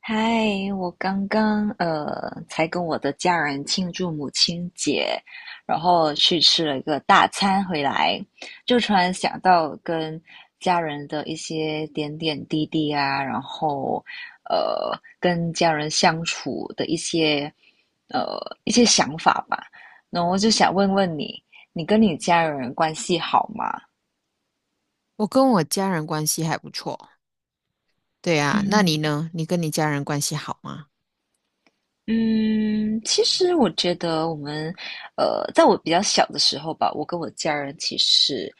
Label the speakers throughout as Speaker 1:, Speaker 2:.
Speaker 1: 嗨，我刚刚才跟我的家人庆祝母亲节，然后去吃了一个大餐回来，就突然想到跟家人的一些点点滴滴啊，然后跟家人相处的一些呃一些想法吧，然后我就想问问你，你跟你家人关系好吗？
Speaker 2: 我跟我家人关系还不错，对啊。那你
Speaker 1: 嗯。
Speaker 2: 呢？你跟你家人关系好吗？
Speaker 1: 嗯，其实我觉得我们，在我比较小的时候吧，我跟我家人其实，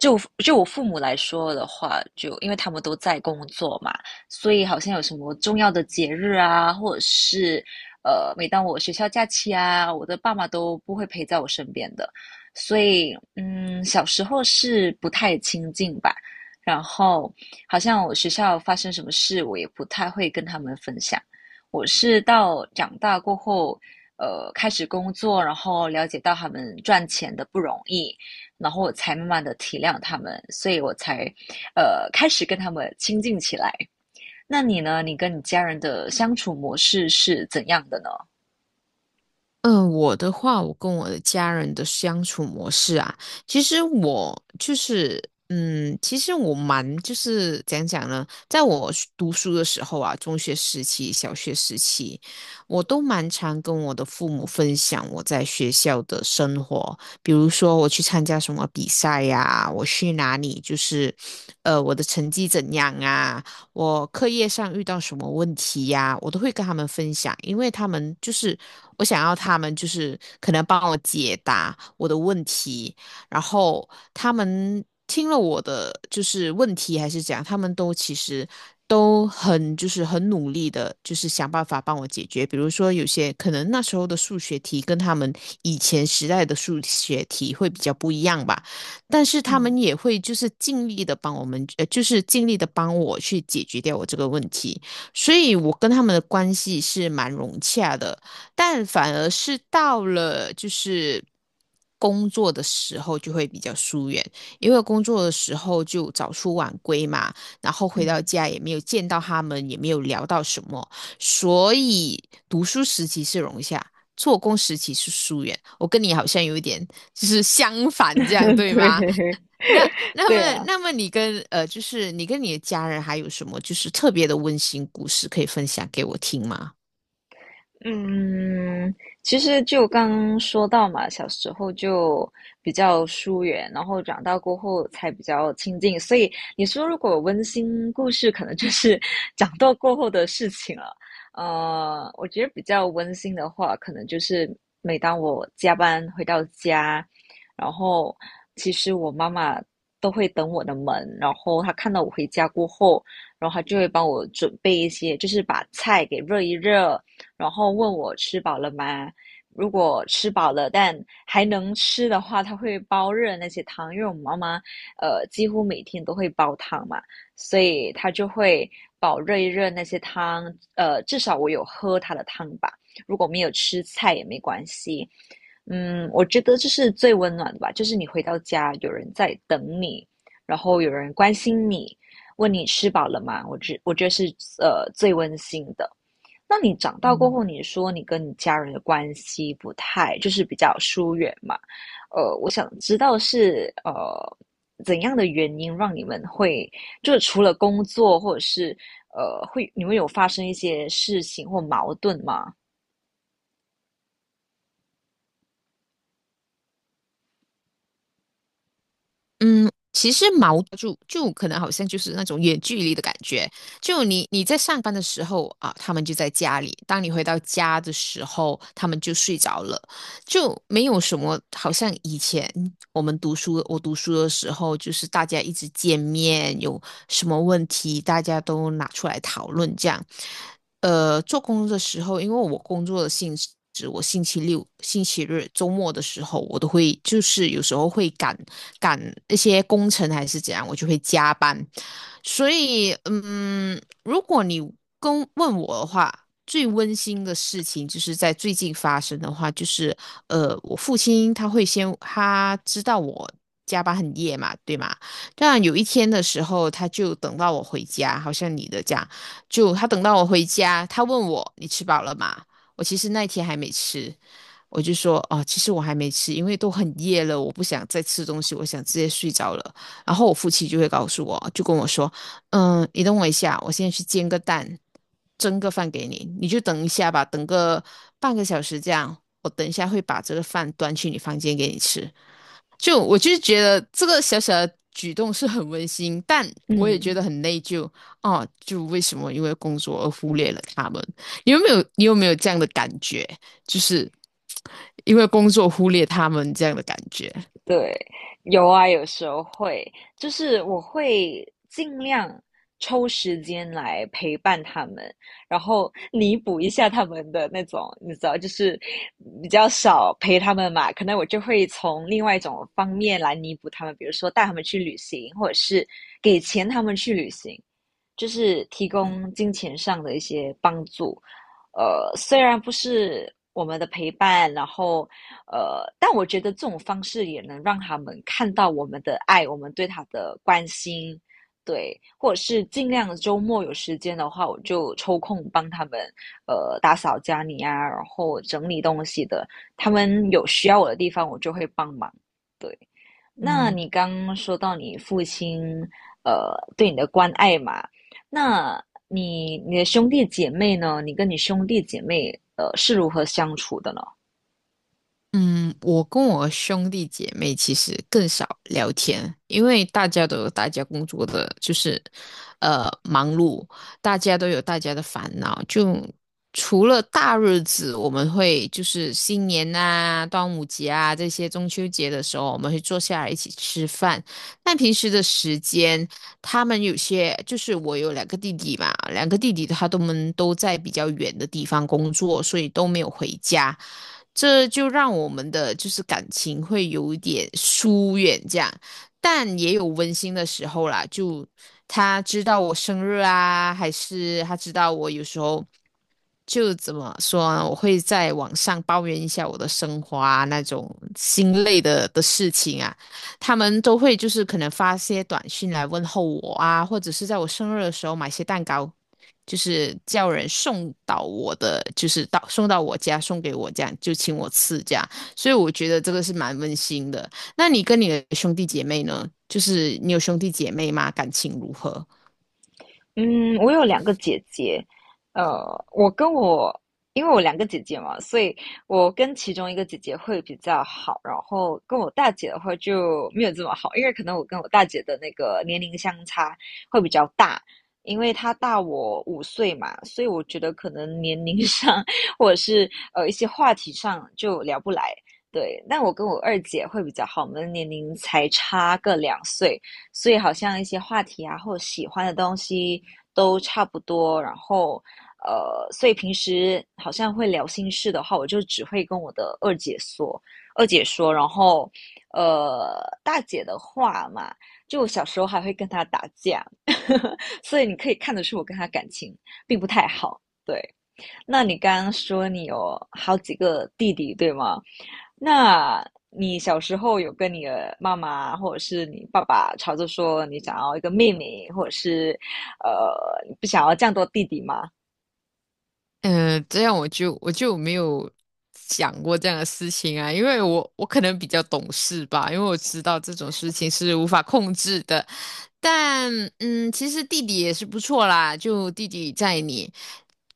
Speaker 1: 就我父母来说的话，就因为他们都在工作嘛，所以好像有什么重要的节日啊，或者是每当我学校假期啊，我的爸妈都不会陪在我身边的，所以嗯，小时候是不太亲近吧，然后好像我学校发生什么事，我也不太会跟他们分享。我是到长大过后，开始工作，然后了解到他们赚钱的不容易，然后我才慢慢的体谅他们，所以我才，开始跟他们亲近起来。那你呢？你跟你家人的相处模式是怎样的呢？
Speaker 2: 嗯，我的话，我跟我的家人的相处模式啊，其实我就是，其实我蛮就是讲呢，在我是读书的时候啊，中学时期、小学时期，我都蛮常跟我的父母分享我在学校的生活，比如说我去参加什么比赛呀、我去哪里，我的成绩怎样啊。我课业上遇到什么问题呀、我都会跟他们分享，因为他们就是我想要他们可能帮我解答我的问题，然后他们听了我的就是问题还是怎样，他们其实都很努力的，就是想办法帮我解决。比如说有些可能那时候的数学题跟他们以前时代的数学题会比较不一样吧。但是他
Speaker 1: 嗯
Speaker 2: 们也会就是尽力的帮我们，就是尽力的帮我去解决掉我这个问题，所以我跟他们的关系是蛮融洽的。但反而是到了就是工作的时候就会比较疏远，因为工作的时候就早出晚归嘛，然后回到
Speaker 1: 嗯，
Speaker 2: 家也没有见到他们，也没有聊到什么。所以读书时期是融洽，做工时期是疏远。我跟你好像有一点就是相反这样 对吗？
Speaker 1: 对，
Speaker 2: 那 那
Speaker 1: 对
Speaker 2: 么
Speaker 1: 啊。
Speaker 2: 那么你跟就是你跟你的家人还有什么就是特别的温馨故事可以分享给我听吗？
Speaker 1: 嗯，其实就刚说到嘛，小时候就比较疏远，然后长大过后才比较亲近，所以你说如果温馨故事，可能就是 长大过后的事情了。呃，我觉得比较温馨的话，可能就是每当我加班回到家，然后其实我妈妈都会等我的门，然后她看到我回家过后，然后她就会帮我准备一些，就是把菜给热一热。然后问我吃饱了吗？如果吃饱了，但还能吃的话，他会煲热那些汤，因为我妈妈几乎每天都会煲汤嘛，所以她就会煲热一热那些汤，呃，至少我有喝她的汤吧。如果没有吃菜也没关系，嗯，我觉得这是最温暖的吧，就是你回到家，有人在等你，然后有人关心你，问你吃饱了吗？我觉得是最温馨的。那你长大过
Speaker 2: 嗯
Speaker 1: 后，你说你跟你家人的关系不太，就是比较疏远嘛？我想知道是怎样的原因让你们会，就是除了工作或者是会，你们有发生一些事情或矛盾吗？
Speaker 2: 嗯，其实矛就就可能好像就是那种远距离的感觉，就你在上班的时候啊，他们就在家里；当你回到家的时候，他们就睡着了。就没有什么，好像以前我们读书，我读书的时候，就是大家一直见面，有什么问题大家都拿出来讨论这样。呃，做工的时候，因为我工作的性质，我星期六、星期日、周末的时候，我都会就是有时候会赶一些工程还是怎样，我就会加班。所以，嗯，如果你问我的话，最温馨的事情就是在最近发生的话，就是我父亲他会先他知道我加班很夜嘛，对吗？但有一天的时候，他就等到我回家，好像你的这样，就他等到我回家，他问我你吃饱了吗？我其实那天还没吃，我就说哦，其实我还没吃，因为都很夜了，我不想再吃东西，我想直接睡着了。然后我父亲就会告诉我，就跟我说。嗯，你等我一下，我现在去煎个蛋，蒸个饭给你，你就等一下吧，等个半个小时这样，我等一下会把这个饭端去你房间给你吃。就我就是觉得这个小小的举动是很温馨，但我也觉
Speaker 1: 嗯，
Speaker 2: 得很内疚哦，就为什么因为工作而忽略了他们？你有没有这样的感觉？就是因为工作忽略他们这样的感觉？
Speaker 1: 对，有啊，有时候会，就是我会尽量抽时间来陪伴他们，然后弥补一下他们的那种，你知道，就是比较少陪他们嘛，可能我就会从另外一种方面来弥补他们，比如说带他们去旅行，或者是给钱他们去旅行，就是提供金钱上的一些帮助。呃，虽然不是我们的陪伴，然后但我觉得这种方式也能让他们看到我们的爱，我们对他的关心。对，或者是尽量周末有时间的话，我就抽空帮他们打扫家里啊，然后整理东西的，他们有需要我的地方，我就会帮忙，对。那你刚刚说到你父亲，对你的关爱嘛，那你的兄弟姐妹呢？你跟你兄弟姐妹，是如何相处的呢？
Speaker 2: 嗯，我跟我兄弟姐妹其实更少聊天，因为大家都有大家工作的，就是忙碌，大家都有大家的烦恼。就除了大日子，我们会就是新年啊、端午节啊、这些中秋节的时候，我们会坐下来一起吃饭。但平时的时间，他们有些就是我有两个弟弟嘛，两个弟弟他们都在比较远的地方工作，所以都没有回家，这就让我们的就是感情会有一点疏远这样。但也有温馨的时候啦，就他知道我生日啊，还是他知道我有时候就怎么说呢，我会在网上抱怨一下我的生活啊，那种心累的事情啊。他们都会就是可能发些短信来问候我啊，或者是在我生日的时候买些蛋糕，就是叫人送到我的，就是送到我家送给我这样，就请我吃这样。所以我觉得这个是蛮温馨的。那你跟你的兄弟姐妹呢？就是你有兄弟姐妹吗？感情如何？
Speaker 1: 嗯，我有两个姐姐，呃，我跟我，因为我两个姐姐嘛，所以我跟其中一个姐姐会比较好，然后跟我大姐的话就没有这么好，因为可能我跟我大姐的那个年龄相差会比较大，因为她大我五岁嘛，所以我觉得可能年龄上 或者是一些话题上就聊不来。对，但我跟我二姐会比较好，我们的年龄才差个两岁，所以好像一些话题啊，或者喜欢的东西都差不多。然后，所以平时好像会聊心事的话，我就只会跟我的二姐说，然后，大姐的话嘛，就我小时候还会跟她打架，所以你可以看得出我跟她感情并不太好。对，那你刚刚说你有好几个弟弟，对吗？那你小时候有跟你的妈妈或者是你爸爸吵着说你想要一个妹妹，或者是呃你不想要这样多弟弟吗？
Speaker 2: 嗯，这样我就没有想过这样的事情啊，因为我可能比较懂事吧，因为我知道这种事情是无法控制的。但嗯，其实弟弟也是不错啦，就弟弟在你。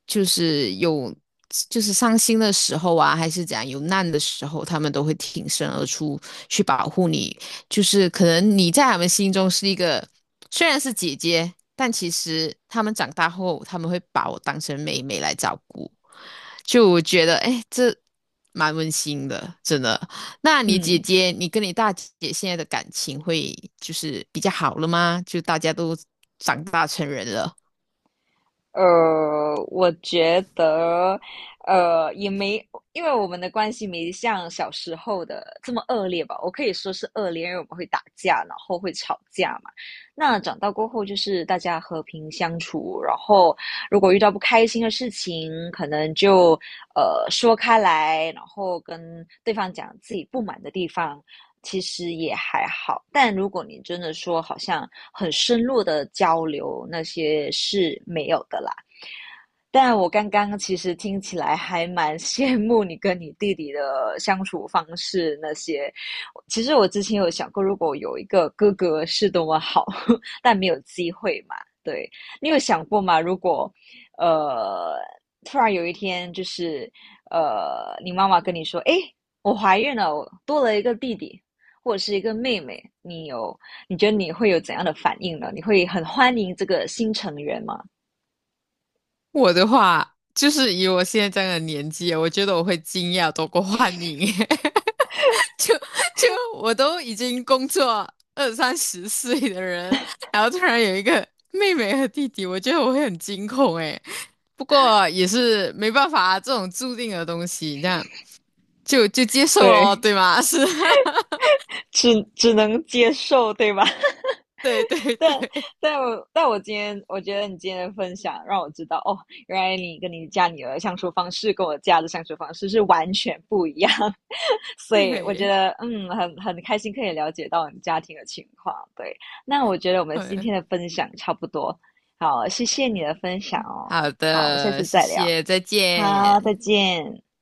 Speaker 2: 就是有就是伤心的时候啊，还是怎样有难的时候，他们都会挺身而出去保护你。就是可能你在他们心中是一个虽然是姐姐，但其实他们长大后，他们会把我当成妹妹来照顾。就我觉得，哎，这蛮温馨的，真的。那你姐
Speaker 1: 嗯。
Speaker 2: 姐，你跟你大姐现在的感情会就是比较好了吗？就大家都长大成人了。
Speaker 1: 我觉得，呃，也没，因为我们的关系没像小时候的这么恶劣吧。我可以说是恶劣，因为我们会打架，然后会吵架嘛。那长大过后就是大家和平相处，然后如果遇到不开心的事情，可能就说开来，然后跟对方讲自己不满的地方，其实也还好。但如果你真的说好像很深入的交流，那些是没有的啦。但我刚刚其实听起来还蛮羡慕你跟你弟弟的相处方式那些。其实我之前有想过，如果有一个哥哥是多么好，但没有机会嘛。对，你有想过吗？如果呃，突然有一天，就是你妈妈跟你说：“哎，我怀孕了，我多了一个弟弟或者是一个妹妹。”你有，你觉得你会有怎样的反应呢？你会很欢迎这个新成员吗？
Speaker 2: 我的话，就是以我现在这样的年纪，我觉得我会惊讶多过欢迎，就就我都已经工作二三十岁的人，然后突然有一个妹妹和弟弟，我觉得我会很惊恐诶。不过也是没办法啊，这种注定的东西，这样就接受了，
Speaker 1: 对。
Speaker 2: 对吗？是，
Speaker 1: 只能接受，对吧？
Speaker 2: 对对对
Speaker 1: 但但我但我今天我觉得你今天的分享让我知道，哦，原来你跟你家女儿相处方式跟我家的相处方式是完全不一样，所以我觉
Speaker 2: 对，
Speaker 1: 得嗯，很开心可以了解到你家庭的情况。对，那我觉得我们今
Speaker 2: 嗯，
Speaker 1: 天的分享差不多，好，谢谢你的分享哦，
Speaker 2: 好
Speaker 1: 好，我们下
Speaker 2: 的，
Speaker 1: 次
Speaker 2: 谢
Speaker 1: 再聊，
Speaker 2: 谢，再
Speaker 1: 好，再
Speaker 2: 见。
Speaker 1: 见。